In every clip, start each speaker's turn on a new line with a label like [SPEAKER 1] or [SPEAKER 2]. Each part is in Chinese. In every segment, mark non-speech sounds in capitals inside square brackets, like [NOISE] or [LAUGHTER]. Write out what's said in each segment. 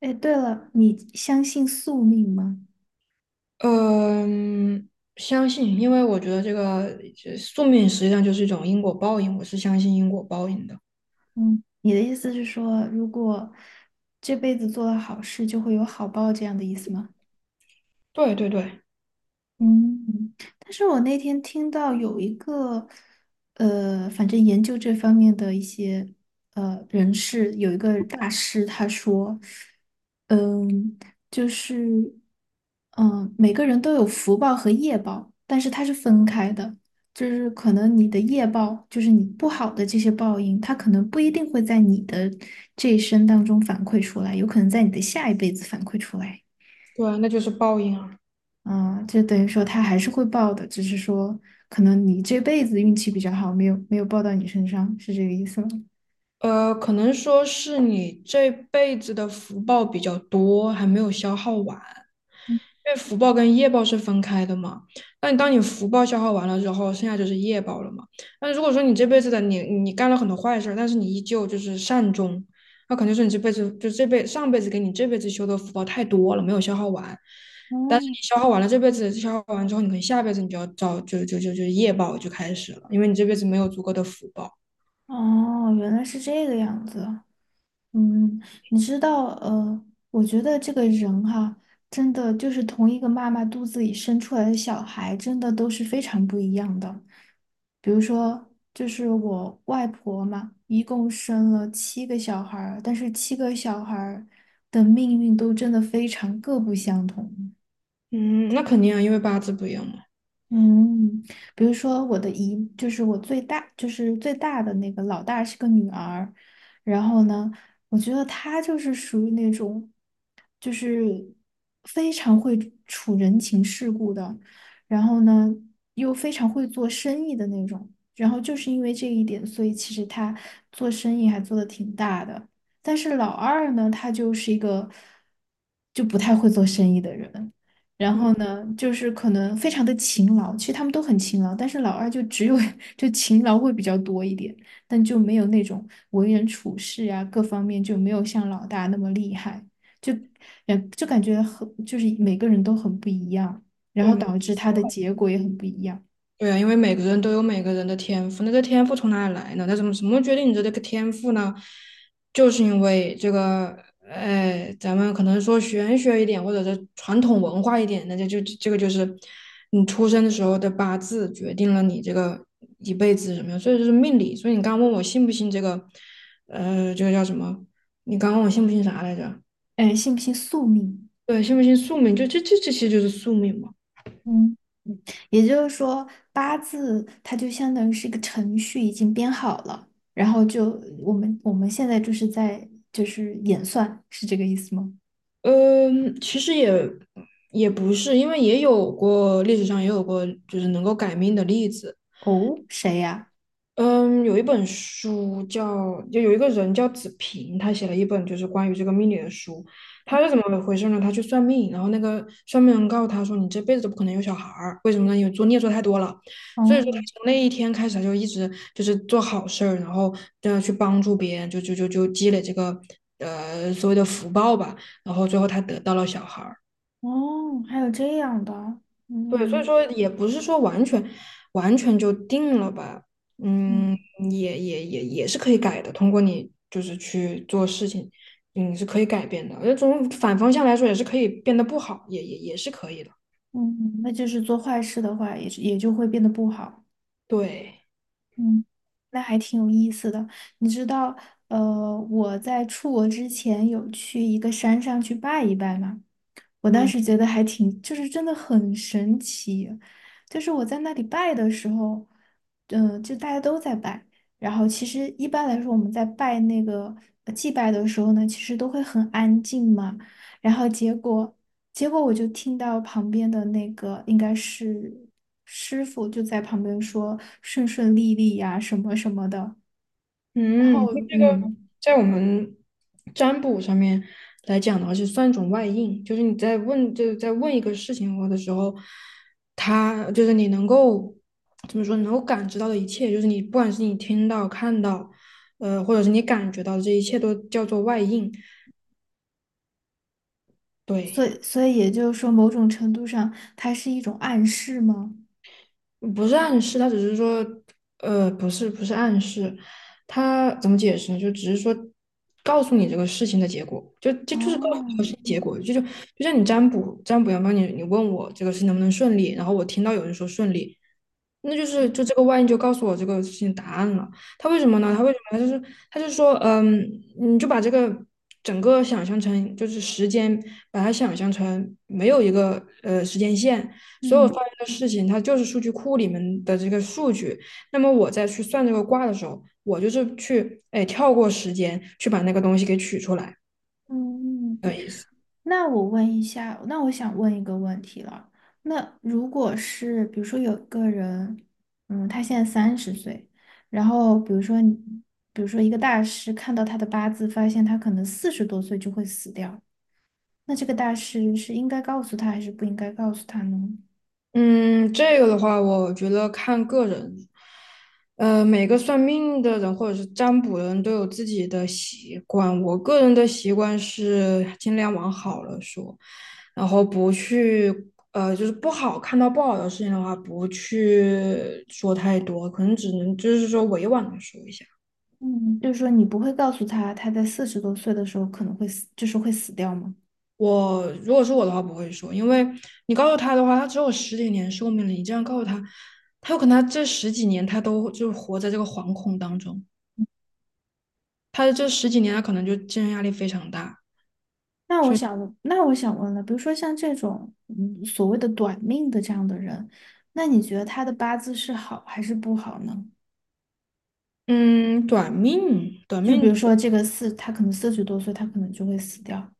[SPEAKER 1] 哎，对了，你相信宿命吗？
[SPEAKER 2] 嗯，相信，因为我觉得这宿命实际上就是一种因果报应，我是相信因果报应的。
[SPEAKER 1] 嗯，你的意思是说，如果这辈子做了好事，就会有好报这样的意思吗？
[SPEAKER 2] 对对对
[SPEAKER 1] 嗯，但是我那天听到有一个，反正研究这方面的一些人士，有一个大师他说，嗯，就是，嗯，每个人都有福报和业报，但是它是分开的，就是可能你的业报，就是你不好的这些报应，它可能不一定会在你的这一生当中反馈出来，有可能在你的下一辈子反馈出来。
[SPEAKER 2] 对，那就是报应啊。
[SPEAKER 1] 啊，就等于说他还是会报的，只是说可能你这辈子运气比较好，没有报到你身上，是这个意思吗？
[SPEAKER 2] 可能说是你这辈子的福报比较多，还没有消耗完。因为福报跟业报是分开的嘛。那你当你福报消耗完了之后，剩下就是业报了嘛。那如果说你这辈子的你干了很多坏事但是你依旧就是善终，那肯定是你这辈子就这辈上辈子给你这辈子修的福报太多了，没有消耗完。但是你消耗完了这辈子消耗完之后，你可能下辈子你就要找就就就就业报就开始了，因为你这辈子没有足够的福报。
[SPEAKER 1] 哦，原来是这个样子。嗯，你知道，我觉得这个人哈，真的就是同一个妈妈肚子里生出来的小孩，真的都是非常不一样的。比如说，就是我外婆嘛，一共生了七个小孩儿，但是七个小孩儿的命运都真的非常各不相同。
[SPEAKER 2] 嗯，那肯定啊，因为八字不一样嘛。
[SPEAKER 1] 嗯，比如说我的姨，就是我最大，就是最大的那个老大是个女儿，然后呢，我觉得她就是属于那种，就是非常会处人情世故的，然后呢，又非常会做生意的那种，然后就是因为这一点，所以其实她做生意还做得挺大的，但是老二呢，他就是一个就不太会做生意的人。然
[SPEAKER 2] 嗯，
[SPEAKER 1] 后呢，就是可能非常的勤劳，其实他们都很勤劳，但是老二就只有 [LAUGHS] 就勤劳会比较多一点，但就没有那种为人处事啊，各方面就没有像老大那么厉害，就感觉很就是每个人都很不一样，然
[SPEAKER 2] 对
[SPEAKER 1] 后
[SPEAKER 2] 吗？
[SPEAKER 1] 导致他的结果也很不一样。
[SPEAKER 2] 对啊，因为每个人都有每个人的天赋，那这天赋从哪里来呢？那怎么决定你的这个天赋呢？就是因为这个，哎，咱们可能说玄学一点，或者是传统文化一点，那就这个就是你出生的时候的八字决定了你这个一辈子什么样，所以就是命理。所以你刚问我信不信这个，这个叫什么？你刚问我信不信啥来着？
[SPEAKER 1] 哎，信不信宿命？
[SPEAKER 2] 对，信不信宿命？就这些就是宿命嘛。
[SPEAKER 1] 嗯，嗯也就是说，八字它就相当于是一个程序，已经编好了，然后就我们现在就是在演算，是这个意思吗？
[SPEAKER 2] 嗯，其实也不是，因为也有过历史上也有过就是能够改命的例子。
[SPEAKER 1] 哦，谁呀？
[SPEAKER 2] 嗯，有一本书叫，就有一个人叫子平，他写了一本就是关于这个命理的书。他是怎么回事呢？他去算命，然后那个算命人告诉他说："你这辈子都不可能有小孩儿，为什么呢？因为做孽做太多了。"所以说，他
[SPEAKER 1] 哦
[SPEAKER 2] 从那一天开始，他就一直就是做好事儿，然后这样去帮助别人，就积累这个所谓的福报吧。然后最后他得到了小孩儿。
[SPEAKER 1] 哦，还有这样的，
[SPEAKER 2] 对，所以
[SPEAKER 1] 嗯
[SPEAKER 2] 说也不是说完全就定了吧，
[SPEAKER 1] 嗯
[SPEAKER 2] 嗯，也是可以改的，通过你就是去做事情，嗯，是可以改变的。那从反方向来说，也是可以变得不好，也是可以的。
[SPEAKER 1] 嗯，那就是做坏事的话，也就会变得不好。
[SPEAKER 2] 对，
[SPEAKER 1] 嗯，那还挺有意思的。你知道，我在出国之前有去一个山上去拜一拜吗？我当
[SPEAKER 2] 嗯。
[SPEAKER 1] 时觉得还挺，就是真的很神奇。就是我在那里拜的时候，就大家都在拜。然后其实一般来说，我们在拜那个祭拜的时候呢，其实都会很安静嘛。然后结果，我就听到旁边的那个应该是师傅就在旁边说顺顺利利呀、什么什么的。然
[SPEAKER 2] 嗯，
[SPEAKER 1] 后
[SPEAKER 2] 就这个在我们占卜上面来讲的话，是算一种外应，就是你在问，就是在问一个事情或的时候，他就是你能够怎么说，能够感知到的一切，就是你不管是你听到、看到，或者是你感觉到的这一切，都叫做外应。
[SPEAKER 1] 所
[SPEAKER 2] 对。
[SPEAKER 1] 以所以也就是说，某种程度上，它是一种暗示吗？
[SPEAKER 2] 不是暗示，他只是说，不是暗示，他怎么解释呢？就只是说告诉你这个事情的结果，就就就是告诉
[SPEAKER 1] 哦，
[SPEAKER 2] 你这个事情结果，就就就像你占卜阳刚，你问我这个事情能不能顺利，然后我听到有人说顺利，那就是就这个万一就告诉我这个事情答案了。他为什么呢？
[SPEAKER 1] 嗯
[SPEAKER 2] 他为什么他就是他就说，嗯，你就把这个整个想象成就是时间，把它想象成没有一个时间线，所有发
[SPEAKER 1] 嗯，
[SPEAKER 2] 生的事情，它就是数据库里面的这个数据。那么我在去算这个卦的时候，我就是去哎跳过时间去把那个东西给取出来
[SPEAKER 1] 嗯
[SPEAKER 2] 的意思。
[SPEAKER 1] 那我问一下，那我想问一个问题了。那如果是比如说有一个人，他现在30岁，然后比如说一个大师看到他的八字，发现他可能四十多岁就会死掉，那这个大师是应该告诉他还是不应该告诉他呢？
[SPEAKER 2] 嗯，这个的话，我觉得看个人，每个算命的人或者是占卜的人都有自己的习惯。我个人的习惯是尽量往好了说，然后不去，就是不好看到不好的事情的话，不去说太多，可能只能就是说委婉的说一下。
[SPEAKER 1] 嗯，就是说你不会告诉他他在四十多岁的时候可能会死，就是会死掉吗？
[SPEAKER 2] 我如果是我的话，不会说，因为你告诉他的话，他只有十几年寿命了，你这样告诉他，他有可能他这十几年他都就活在这个惶恐当中。他这十几年他可能就精神压力非常大，所以
[SPEAKER 1] 那我想问了，比如说像这种所谓的短命的这样的人，那你觉得他的八字是好还是不好呢？
[SPEAKER 2] 嗯，短
[SPEAKER 1] 就比如
[SPEAKER 2] 命
[SPEAKER 1] 说这个四，他可能四十多岁，他可能就会死掉。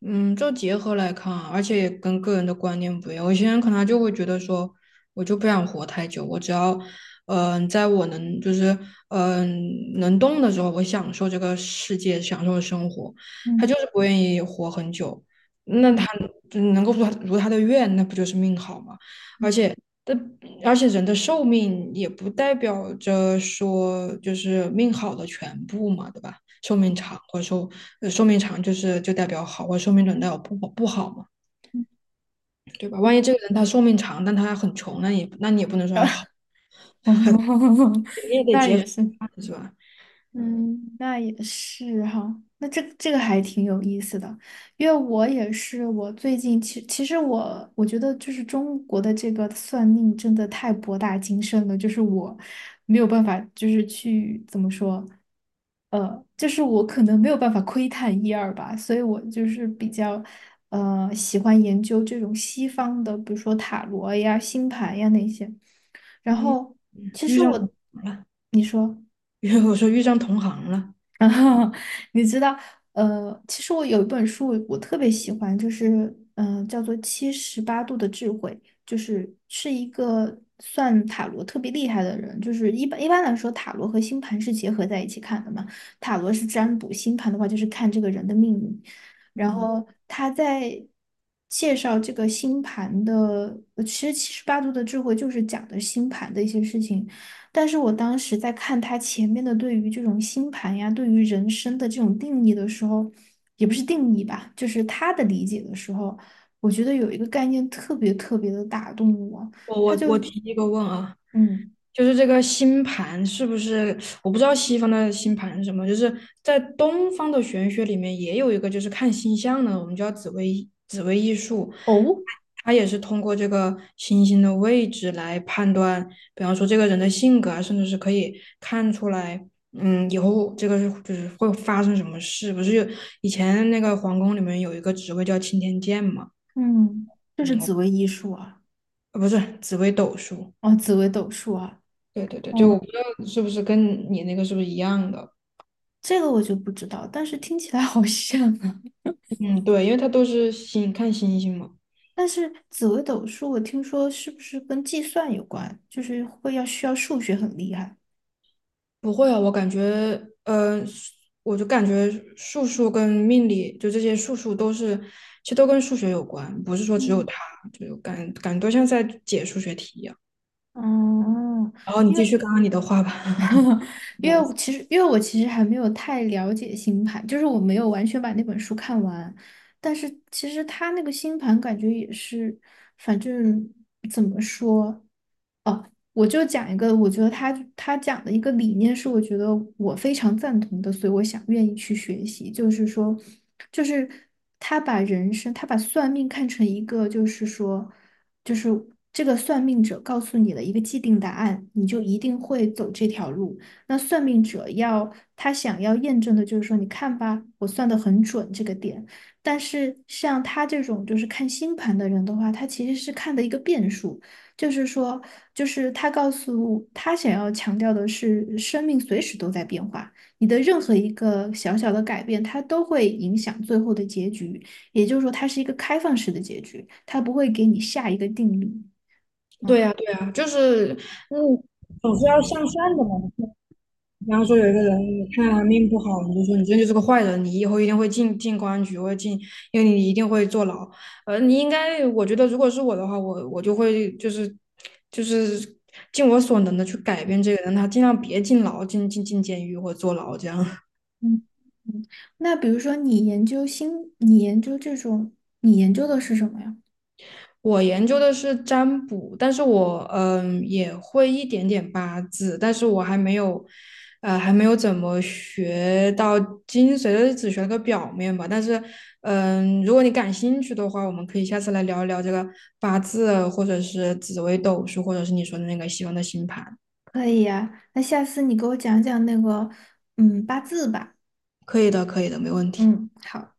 [SPEAKER 2] 嗯，就结合来看啊，而且也跟个人的观念不一样。有些人可能他就会觉得说，我就不想活太久，我只要，嗯、在我能就是嗯、能动的时候，我享受这个世界，享受生活。他就
[SPEAKER 1] 嗯
[SPEAKER 2] 是不愿意活很久，那
[SPEAKER 1] 嗯
[SPEAKER 2] 他就能够如他的愿，那不就是命好吗？而且，但而且人的寿命也不代表着说就是命好的全部嘛，对吧？寿命长，或者说寿命长就代表好，或者寿命短代表不好嘛，对吧？万
[SPEAKER 1] 嗯，
[SPEAKER 2] 一这个人他寿命长，但他很穷，那也那你也不能说他好，
[SPEAKER 1] [LAUGHS] 哦
[SPEAKER 2] 你也
[SPEAKER 1] [LAUGHS]
[SPEAKER 2] 得
[SPEAKER 1] 那
[SPEAKER 2] 结合
[SPEAKER 1] 也是。
[SPEAKER 2] 是吧？
[SPEAKER 1] 嗯，那也是哈，那这个还挺有意思的，因为我也是，我最近其实我觉得就是中国的这个算命真的太博大精深了，就是我没有办法，就是去怎么说，就是我可能没有办法窥探一二吧，所以我就是比较喜欢研究这种西方的，比如说塔罗呀、星盘呀那些，然
[SPEAKER 2] 你
[SPEAKER 1] 后其
[SPEAKER 2] 遇
[SPEAKER 1] 实
[SPEAKER 2] 上同
[SPEAKER 1] 我，
[SPEAKER 2] 行了，
[SPEAKER 1] 你说。
[SPEAKER 2] [LAUGHS] 因为我说遇上同行了。
[SPEAKER 1] [LAUGHS] 然后你知道，其实我有一本书我特别喜欢，就是叫做《七十八度的智慧》，就是一个算塔罗特别厉害的人，就是一般来说，塔罗和星盘是结合在一起看的嘛，塔罗是占卜，星盘的话就是看这个人的命运。然
[SPEAKER 2] 嗯，
[SPEAKER 1] 后他在介绍这个星盘的，其实七十八度的智慧就是讲的星盘的一些事情，但是我当时在看他前面的对于这种星盘呀，对于人生的这种定义的时候，也不是定义吧，就是他的理解的时候，我觉得有一个概念特别特别的打动我，
[SPEAKER 2] 我
[SPEAKER 1] 他
[SPEAKER 2] 我
[SPEAKER 1] 就
[SPEAKER 2] 我提一个问啊，
[SPEAKER 1] 嗯
[SPEAKER 2] 就是这个星盘是不是？我不知道西方的星盘是什么，就是在东方的玄学里面也有一个，就是看星象的，我们叫紫微艺术，
[SPEAKER 1] 哦
[SPEAKER 2] 它也是通过这个星星的位置来判断，比方说这个人的性格啊，甚至是可以看出来，嗯，以后这个是就是会发生什么事。不是有以前那个皇宫里面有一个职位叫钦天监嘛？
[SPEAKER 1] 嗯，就是紫薇艺术啊，
[SPEAKER 2] 不是紫微斗数。
[SPEAKER 1] 哦紫薇斗数啊，
[SPEAKER 2] 对对对，就
[SPEAKER 1] 哦
[SPEAKER 2] 我不知道是不是跟你那个是不是一样的。
[SPEAKER 1] 这个我就不知道，但是听起来好像啊。
[SPEAKER 2] 嗯，对，因为它都是星，看星星嘛。
[SPEAKER 1] 但是紫薇斗数我听说是不是跟计算有关，就是会要需要数学很厉害。
[SPEAKER 2] 不会啊，我感觉，呃，我就感觉数数跟命理，就这些数数都是，其实都跟数学有关，不是说只有
[SPEAKER 1] 嗯。
[SPEAKER 2] 它，就感觉都像在解数学题一样。
[SPEAKER 1] 哦，
[SPEAKER 2] 然后你
[SPEAKER 1] 因
[SPEAKER 2] 继
[SPEAKER 1] 为
[SPEAKER 2] 续刚刚你的话吧。
[SPEAKER 1] [LAUGHS] 因为我其实还没有太了解星盘，就是我没有完全把那本书看完，但是其实他那个星盘感觉也是，反正怎么说。我就讲一个，我觉得他讲的一个理念是，我觉得我非常赞同的，所以我想愿意去学习。就是说，就是他把人生，他把算命看成一个，就是说，就是这个算命者告诉你了一个既定答案，你就一定会走这条路。那算命者要他想要验证的就是说，你看吧，我算的很准这个点。但是像他这种就是看星盘的人的话，他其实是看的一个变数。就是说，就是他告诉他想要强调的是，生命随时都在变化，你的任何一个小小的改变，它都会影响最后的结局。也就是说，它是一个开放式的结局，它不会给你下一个定律。
[SPEAKER 2] 对
[SPEAKER 1] 嗯
[SPEAKER 2] 呀，对呀，就是，嗯，总是要向善的嘛。比方说有一个人，你看他命不好，你就说你这就是个坏人，你以后一定会进公安局或者进，因为你一定会坐牢。你应该，我觉得如果是我的话，我就会就是尽我所能的去改变这个人，他尽量别进牢、进监狱或坐牢这样。
[SPEAKER 1] 嗯嗯。那比如说，你研究新，你研究这种，你研究的是什么呀？
[SPEAKER 2] 我研究的是占卜，但是我嗯也会一点点八字，但是我还没有，还没有怎么学到精髓的，就是只学了个表面吧。但是嗯，如果你感兴趣的话，我们可以下次来聊一聊这个八字，或者是紫微斗数，或者是你说的那个西方的星盘。
[SPEAKER 1] 可以呀，那下次你给我讲讲那个，八字吧。
[SPEAKER 2] 可以的，可以的，没问题。
[SPEAKER 1] 嗯，好。